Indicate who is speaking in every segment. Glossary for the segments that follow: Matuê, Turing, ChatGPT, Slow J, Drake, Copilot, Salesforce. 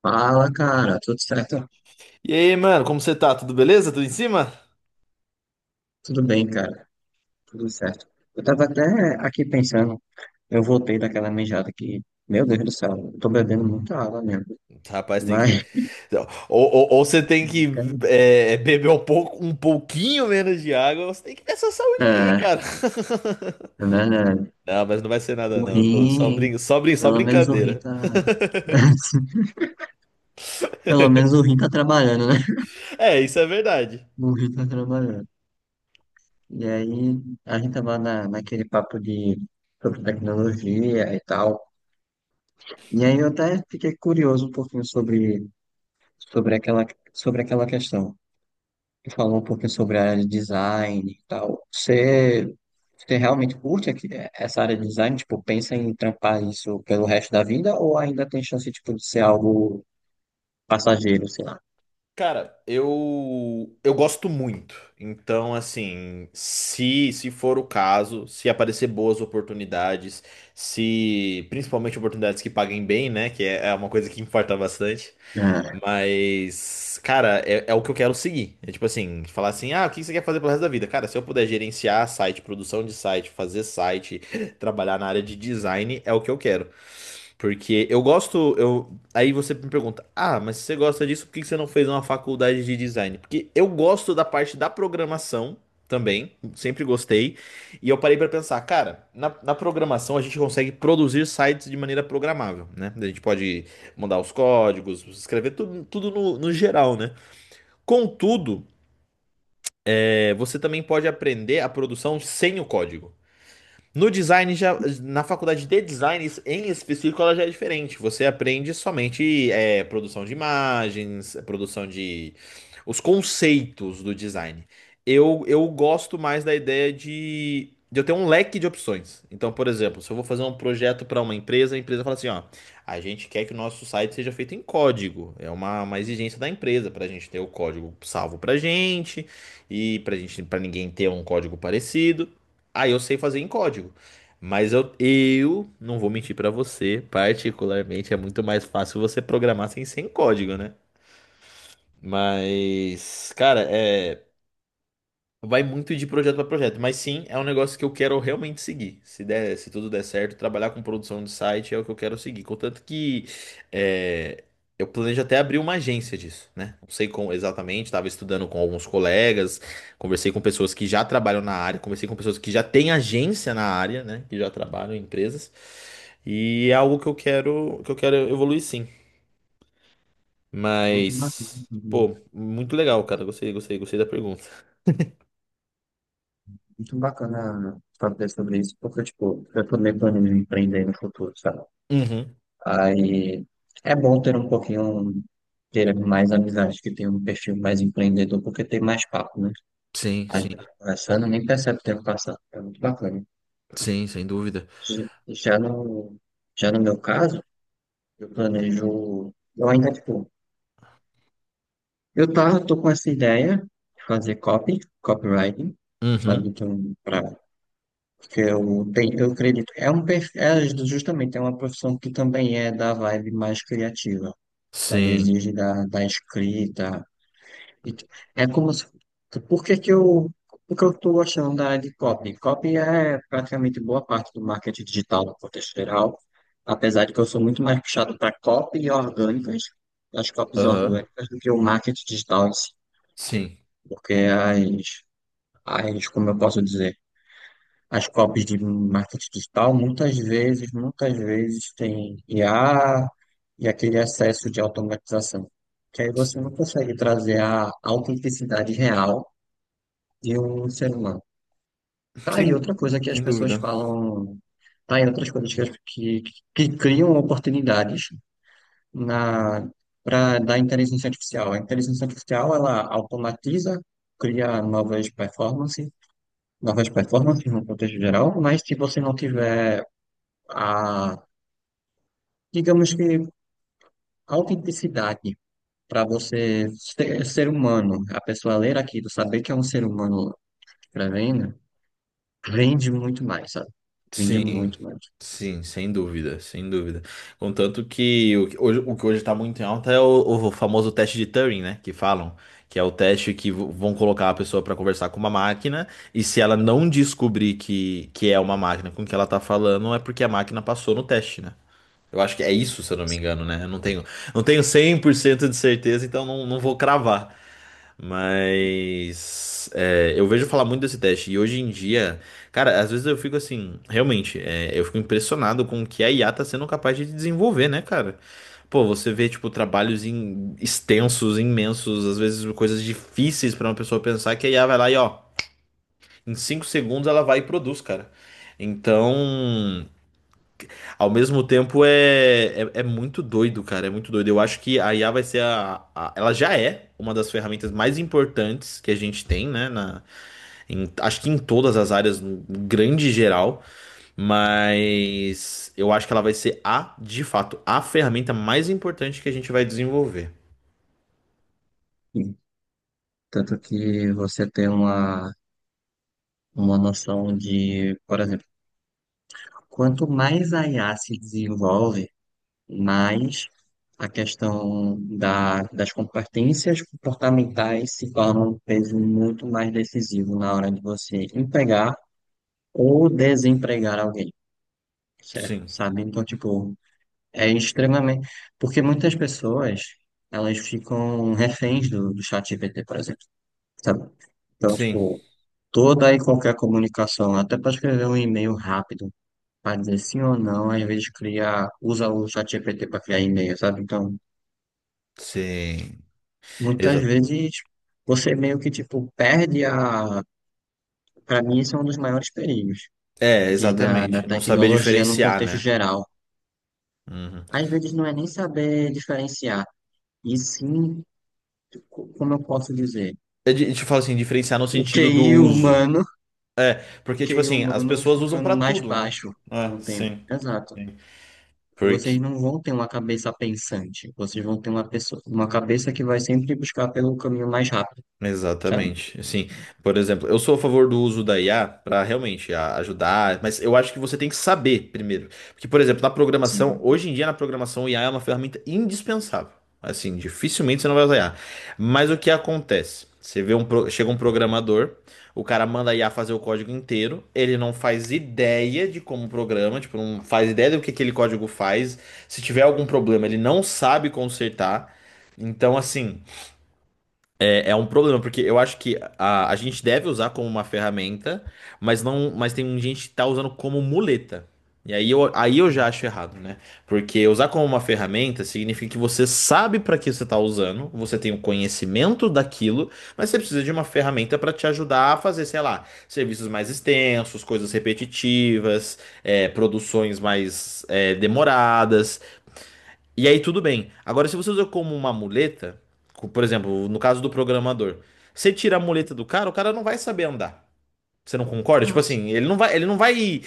Speaker 1: Fala, cara, tudo certo?
Speaker 2: E aí, mano, como você tá? Tudo beleza? Tudo em cima?
Speaker 1: Tudo bem, cara, tudo certo. Eu tava até aqui pensando, eu voltei daquela mijada que, meu Deus do céu, eu tô bebendo muita água mesmo,
Speaker 2: Rapaz, tem que.
Speaker 1: mas,
Speaker 2: Ou você tem que beber um pouco, um pouquinho menos de água, ou você tem que ver sua saúde aí,
Speaker 1: é,
Speaker 2: cara.
Speaker 1: né, né,
Speaker 2: Não, mas não vai ser nada,
Speaker 1: o
Speaker 2: não. Tô
Speaker 1: rim,
Speaker 2: só
Speaker 1: pelo menos o rim
Speaker 2: brincadeira.
Speaker 1: tá, pelo menos o rim tá trabalhando, né?
Speaker 2: É, isso é verdade.
Speaker 1: O rim tá trabalhando. E aí, a gente tava naquele papo de, sobre tecnologia e tal, e aí eu até fiquei curioso um pouquinho sobre, sobre aquela, sobre aquela questão. Que falou um pouquinho sobre a área de design e tal. Você, você realmente curte aqui- essa área de design? Tipo, pensa em trampar isso pelo resto da vida ou ainda tem chance, tipo, de ser algo passageiro, sei lá?
Speaker 2: Cara, eu gosto muito. Então, assim, se for o caso, se aparecer boas oportunidades, se principalmente oportunidades que paguem bem, né, que é uma coisa que importa bastante.
Speaker 1: É,
Speaker 2: Mas, cara, é o que eu quero seguir. É tipo assim, falar assim, ah, o que você quer fazer pelo resto da vida? Cara, se eu puder gerenciar site, produção de site, fazer site, trabalhar na área de design, é o que eu quero. Porque eu gosto, eu... Aí você me pergunta, ah, mas se você gosta disso, por que que você não fez uma faculdade de design? Porque eu gosto da parte da programação também, sempre gostei. E eu parei pra pensar, cara, na programação a gente consegue produzir sites de maneira programável, né? A gente pode mandar os códigos, escrever tudo, tudo no geral, né? Contudo, você também pode aprender a produção sem o código. No design, já, na faculdade de design em específico, ela já é diferente. Você aprende somente produção de imagens, produção de os conceitos do design. Eu gosto mais da ideia de eu ter um leque de opções. Então, por exemplo, se eu vou fazer um projeto para uma empresa, a empresa fala assim: ó, a gente quer que o nosso site seja feito em código. É uma exigência da empresa para a gente ter o código salvo para gente e para gente, para ninguém ter um código parecido. Ah, eu sei fazer em código. Mas eu não vou mentir pra você, particularmente é muito mais fácil você programar sem código, né? Mas, cara, é. Vai muito de projeto para projeto, mas sim, é um negócio que eu quero realmente seguir. Se der, se tudo der certo, trabalhar com produção de site é o que eu quero seguir. Contanto que é, eu planejo até abrir uma agência disso, né? Não sei como exatamente, estava estudando com alguns colegas, conversei com pessoas que já trabalham na área, conversei com pessoas que já têm agência na área, né? Que já trabalham em empresas. E é algo que eu quero evoluir sim.
Speaker 1: muito bacana,
Speaker 2: Mas,
Speaker 1: né?
Speaker 2: pô, muito legal, cara. Gostei, gostei, gostei da pergunta.
Speaker 1: Muito bacana saber sobre isso, porque, tipo, eu também planejo empreender no futuro, sabe?
Speaker 2: Uhum.
Speaker 1: Aí é bom ter um pouquinho, ter mais amizades que tem um perfil mais empreendedor, porque tem mais papo, né?
Speaker 2: Sim,
Speaker 1: A gente tá
Speaker 2: sim.
Speaker 1: conversando, nem percebe o tempo passando. É muito bacana.
Speaker 2: Sim, sem dúvida.
Speaker 1: J- Já no, já no meu caso, eu planejo, eu ainda, tipo, tô com essa ideia de fazer copy, copywriting, sabe,
Speaker 2: Uhum.
Speaker 1: então, pra, porque eu tenho, eu acredito, é um, é justamente, é uma profissão que também é da vibe mais criativa, sabe,
Speaker 2: Sim.
Speaker 1: exige da escrita, E t- É como se... Por que que eu... Por que eu estou gostando da área de copy? Copy é praticamente boa parte do marketing digital no contexto geral, apesar de que eu sou muito mais puxado para copy orgânicas, as copies
Speaker 2: Aham.
Speaker 1: orgânicas, do que o marketing digital em si.
Speaker 2: Sim.
Speaker 1: Porque as, como eu posso dizer, as copies de marketing digital muitas vezes tem IA e aquele excesso de automatização. Que aí você não consegue trazer a autenticidade real e o ser humano. Tá aí
Speaker 2: Sem,
Speaker 1: outra coisa que as
Speaker 2: sem
Speaker 1: pessoas
Speaker 2: dúvida.
Speaker 1: falam, tá aí outras coisas que, que criam oportunidades na para da inteligência artificial. A inteligência artificial, ela automatiza, cria novas performances no contexto geral, mas se você não tiver a, digamos que, autenticidade para você ser, ser humano, a pessoa ler aquilo, saber que é um ser humano escrevendo, vende muito mais, sabe? Vende
Speaker 2: Sim.
Speaker 1: muito mais.
Speaker 2: Sim, sem dúvida, sem dúvida. Contanto que o que hoje tá muito em alta é o famoso teste de Turing, né? Que falam. Que é o teste que vão colocar a pessoa para conversar com uma máquina. E se ela não descobrir que é uma máquina com que ela tá falando, é porque a máquina passou no teste, né? Eu acho que é isso, se eu não me engano, né? Eu não tenho, não tenho 100% de certeza, então não vou cravar. Mas é, eu vejo falar muito desse teste. E hoje em dia, cara, às vezes eu fico assim, realmente, eu fico impressionado com o que a IA tá sendo capaz de desenvolver, né, cara? Pô, você vê, tipo, extensos, imensos, às vezes coisas difíceis pra uma pessoa pensar que a IA vai lá e, ó, em 5 segundos ela vai e produz, cara. Então. Ao mesmo tempo é muito doido, cara. É muito doido. Eu acho que a IA vai ser Ela já é uma das ferramentas mais importantes que a gente tem, né? Acho que em todas as áreas, no grande geral. Mas eu acho que ela vai ser a, de fato, a ferramenta mais importante que a gente vai desenvolver.
Speaker 1: Tanto que você tem uma noção de, por exemplo, quanto mais a IA se desenvolve, mais a questão da, das competências comportamentais se torna um peso muito mais decisivo na hora de você empregar ou desempregar alguém, certo?
Speaker 2: Sim,
Speaker 1: Sabe? Então, tipo, é extremamente. Porque muitas pessoas, elas ficam reféns do chat GPT, por exemplo. Sabe? Então,
Speaker 2: sim,
Speaker 1: tipo, toda e qualquer comunicação, até para escrever um e-mail rápido, para dizer sim ou não, às vezes cria, usa o ChatGPT para criar e-mail, sabe? Então,
Speaker 2: sim.
Speaker 1: muitas
Speaker 2: Exa
Speaker 1: vezes você meio que, tipo, perde a. Para mim, isso é um dos maiores perigos de, da
Speaker 2: exatamente. Não saber
Speaker 1: tecnologia no
Speaker 2: diferenciar,
Speaker 1: contexto
Speaker 2: né?
Speaker 1: geral.
Speaker 2: Uhum.
Speaker 1: Às vezes não é nem saber diferenciar, e sim, como eu posso dizer,
Speaker 2: Eu te falo assim, diferenciar no
Speaker 1: o
Speaker 2: sentido do
Speaker 1: QI
Speaker 2: uso.
Speaker 1: humano,
Speaker 2: É,
Speaker 1: o
Speaker 2: porque, tipo
Speaker 1: QI
Speaker 2: assim, as
Speaker 1: humano
Speaker 2: pessoas usam
Speaker 1: ficando
Speaker 2: pra
Speaker 1: mais
Speaker 2: tudo, né?
Speaker 1: baixo com
Speaker 2: É,
Speaker 1: o tempo.
Speaker 2: sim.
Speaker 1: Exato.
Speaker 2: Sim.
Speaker 1: Vocês
Speaker 2: Porque
Speaker 1: não vão ter uma cabeça pensante, vocês vão ter uma pessoa, uma cabeça que vai sempre buscar pelo caminho mais rápido, sabe?
Speaker 2: exatamente. Assim, por exemplo, eu sou a favor do uso da IA para realmente ajudar, mas eu acho que você tem que saber primeiro. Porque, por exemplo, na programação,
Speaker 1: Sim.
Speaker 2: hoje em dia na programação, o IA é uma ferramenta indispensável. Assim, dificilmente você não vai usar IA. Mas o que acontece? Você vê um, pro- chega um programador, o cara manda a IA fazer o código inteiro, ele não faz ideia de como programa, tipo, não faz ideia do que aquele código faz. Se tiver algum problema, ele não sabe consertar. Então, assim. É, é um problema, porque eu acho que a gente deve usar como uma ferramenta, mas não, mas tem um gente que tá usando como muleta. Aí eu já acho errado, né? Porque usar como uma ferramenta significa que você sabe para que você tá usando, você tem o conhecimento daquilo, mas você precisa de uma ferramenta para te ajudar a fazer, sei lá, serviços mais extensos, coisas repetitivas, produções mais demoradas. E aí tudo bem. Agora, se você usa como uma muleta, por exemplo, no caso do programador, você tira a muleta do cara, o cara não vai saber andar. Você não concorda? Tipo assim, ele não vai, ele não vai.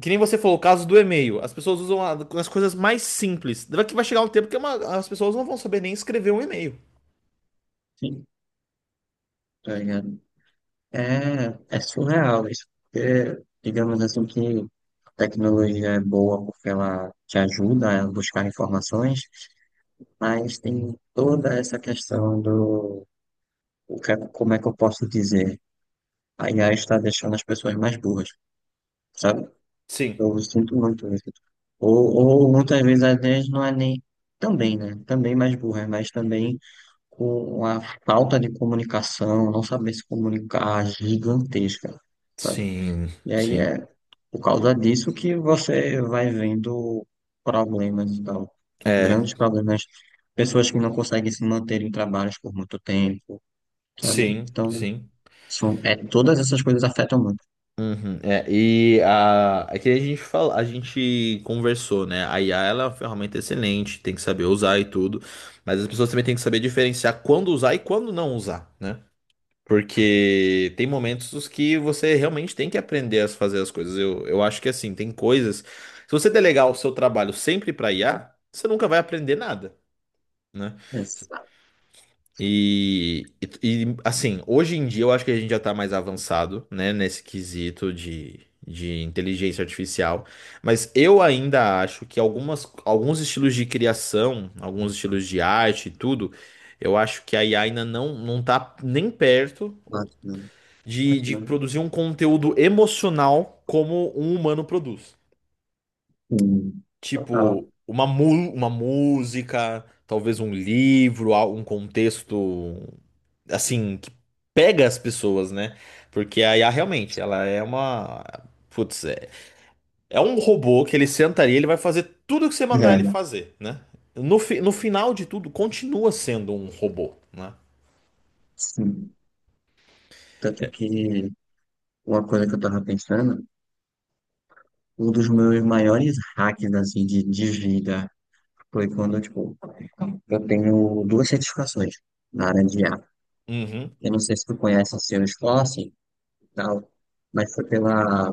Speaker 2: Que nem você falou, o caso do e-mail. As pessoas usam a- as coisas mais simples. Vai que vai chegar um tempo que é as pessoas não vão saber nem escrever um e-mail.
Speaker 1: Sim, tá ligado? É, é surreal isso, porque digamos assim que a tecnologia é boa porque ela te ajuda a buscar informações, mas tem toda essa questão do o que, como é que eu posso dizer? A IA está deixando as pessoas mais burras, sabe?
Speaker 2: Sim.
Speaker 1: Eu sinto muito isso. Ou, ou muitas vezes até não é nem. Também, né? Também mais burra, mas também com a falta de comunicação, não saber se comunicar gigantesca, sabe?
Speaker 2: Sim,
Speaker 1: E aí
Speaker 2: sim.
Speaker 1: é por causa disso que você vai vendo problemas e tal.
Speaker 2: É.
Speaker 1: Grandes problemas. Pessoas que não conseguem se manter em trabalhos por muito tempo, sabe?
Speaker 2: Sim,
Speaker 1: Então,
Speaker 2: sim.
Speaker 1: são, é, todas essas coisas afetam muito.
Speaker 2: Uhum, é, é que a gente fala, a gente conversou, né? A IA ela é uma ferramenta excelente, tem que saber usar e tudo, mas as pessoas também têm que saber diferenciar quando usar e quando não usar, né? Porque tem momentos os que você realmente tem que aprender a fazer as coisas. Eu acho que assim, tem coisas. Se você delegar o seu trabalho sempre para IA, você nunca vai aprender nada, né?
Speaker 1: Exato.
Speaker 2: E, assim, hoje em dia eu acho que a gente já tá mais avançado, né, de inteligência artificial, mas eu ainda acho que alguns estilos de criação, alguns estilos de arte e tudo, eu acho que a IA ainda não tá nem perto
Speaker 1: Batman.
Speaker 2: de
Speaker 1: Batman.
Speaker 2: produzir um conteúdo emocional como um humano produz.
Speaker 1: Hum. Total.
Speaker 2: Tipo, uma música, talvez um livro, um contexto, assim, que pega as pessoas, né? Porque a IA realmente, ela é uma. Putz, é um robô que ele sentaria, ele vai fazer tudo o que você mandar ele
Speaker 1: É,
Speaker 2: fazer, né? No final de tudo, continua sendo um robô, né?
Speaker 1: sim. Tanto que uma coisa que eu tava pensando, um dos meus maiores hacks assim, de vida foi quando, tipo, eu tenho duas certificações na área de IA.
Speaker 2: Uhum.
Speaker 1: Eu não sei se tu conhece a o Salesforce e tal, mas foi pela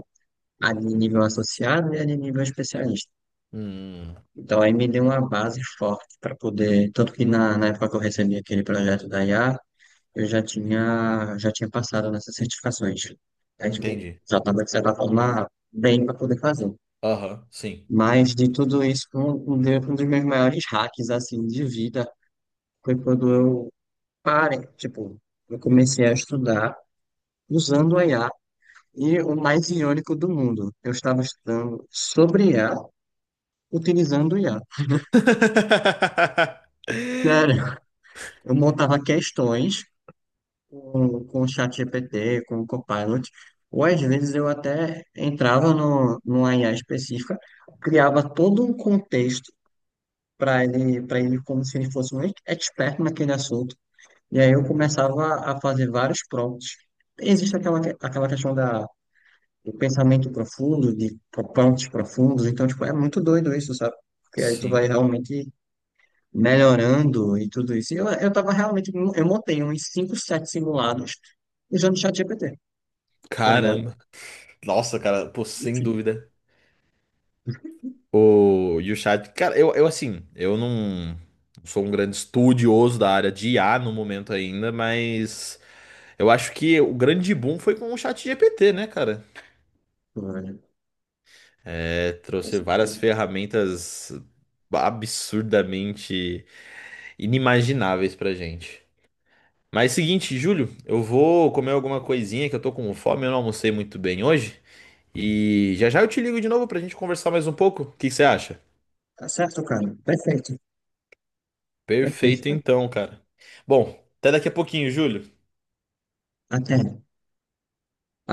Speaker 1: a de nível associado e a de nível especialista.
Speaker 2: Hum,
Speaker 1: Então aí me deu uma base forte para poder, tanto que na época que eu recebi aquele projeto da IA, eu já tinha passado nessas certificações. É, tipo,
Speaker 2: entendi.
Speaker 1: já estava, de certa forma, bem para poder fazer.
Speaker 2: Aham, sim.
Speaker 1: Mas de tudo isso, um dos meus maiores hacks, assim, de vida foi quando eu parei, tipo, eu comecei a estudar usando o IA e o mais irônico do mundo, eu estava estudando sobre IA utilizando o IA. Sério, eu montava questões com o ChatGPT, com o Copilot, ou às vezes eu até entrava no, numa IA específica, criava todo um contexto para ele como se ele fosse um expert naquele assunto, e aí eu começava a fazer vários prompts. Existe aquela, aquela questão da, do pensamento profundo, de prompts profundos, então, tipo, é muito doido isso, sabe? Porque aí tu vai
Speaker 2: Sim.
Speaker 1: realmente melhorando e tudo isso. E eu tava realmente, eu montei uns 5, 7 simulados usando o ChatGPT tá ligado?
Speaker 2: Caramba. Nossa, cara, pô,
Speaker 1: E
Speaker 2: sem
Speaker 1: filho,
Speaker 2: dúvida. O, e o chat, cara, eu assim, eu não sou um grande estudioso da área de IA no momento ainda, mas eu acho que o grande boom foi com o chat GPT, né, cara?
Speaker 1: pô, velho,
Speaker 2: É,
Speaker 1: com
Speaker 2: trouxe várias
Speaker 1: certeza.
Speaker 2: ferramentas absurdamente inimagináveis pra gente. Mas seguinte, Júlio, eu vou comer alguma coisinha que eu tô com fome, eu não almocei muito bem hoje. E já já eu te ligo de novo pra gente conversar mais um pouco. O que que você acha?
Speaker 1: Tá certo, cara. Perfeito, perfeito,
Speaker 2: Perfeito
Speaker 1: cara.
Speaker 2: então, cara. Bom, até daqui a pouquinho, Júlio.
Speaker 1: Até.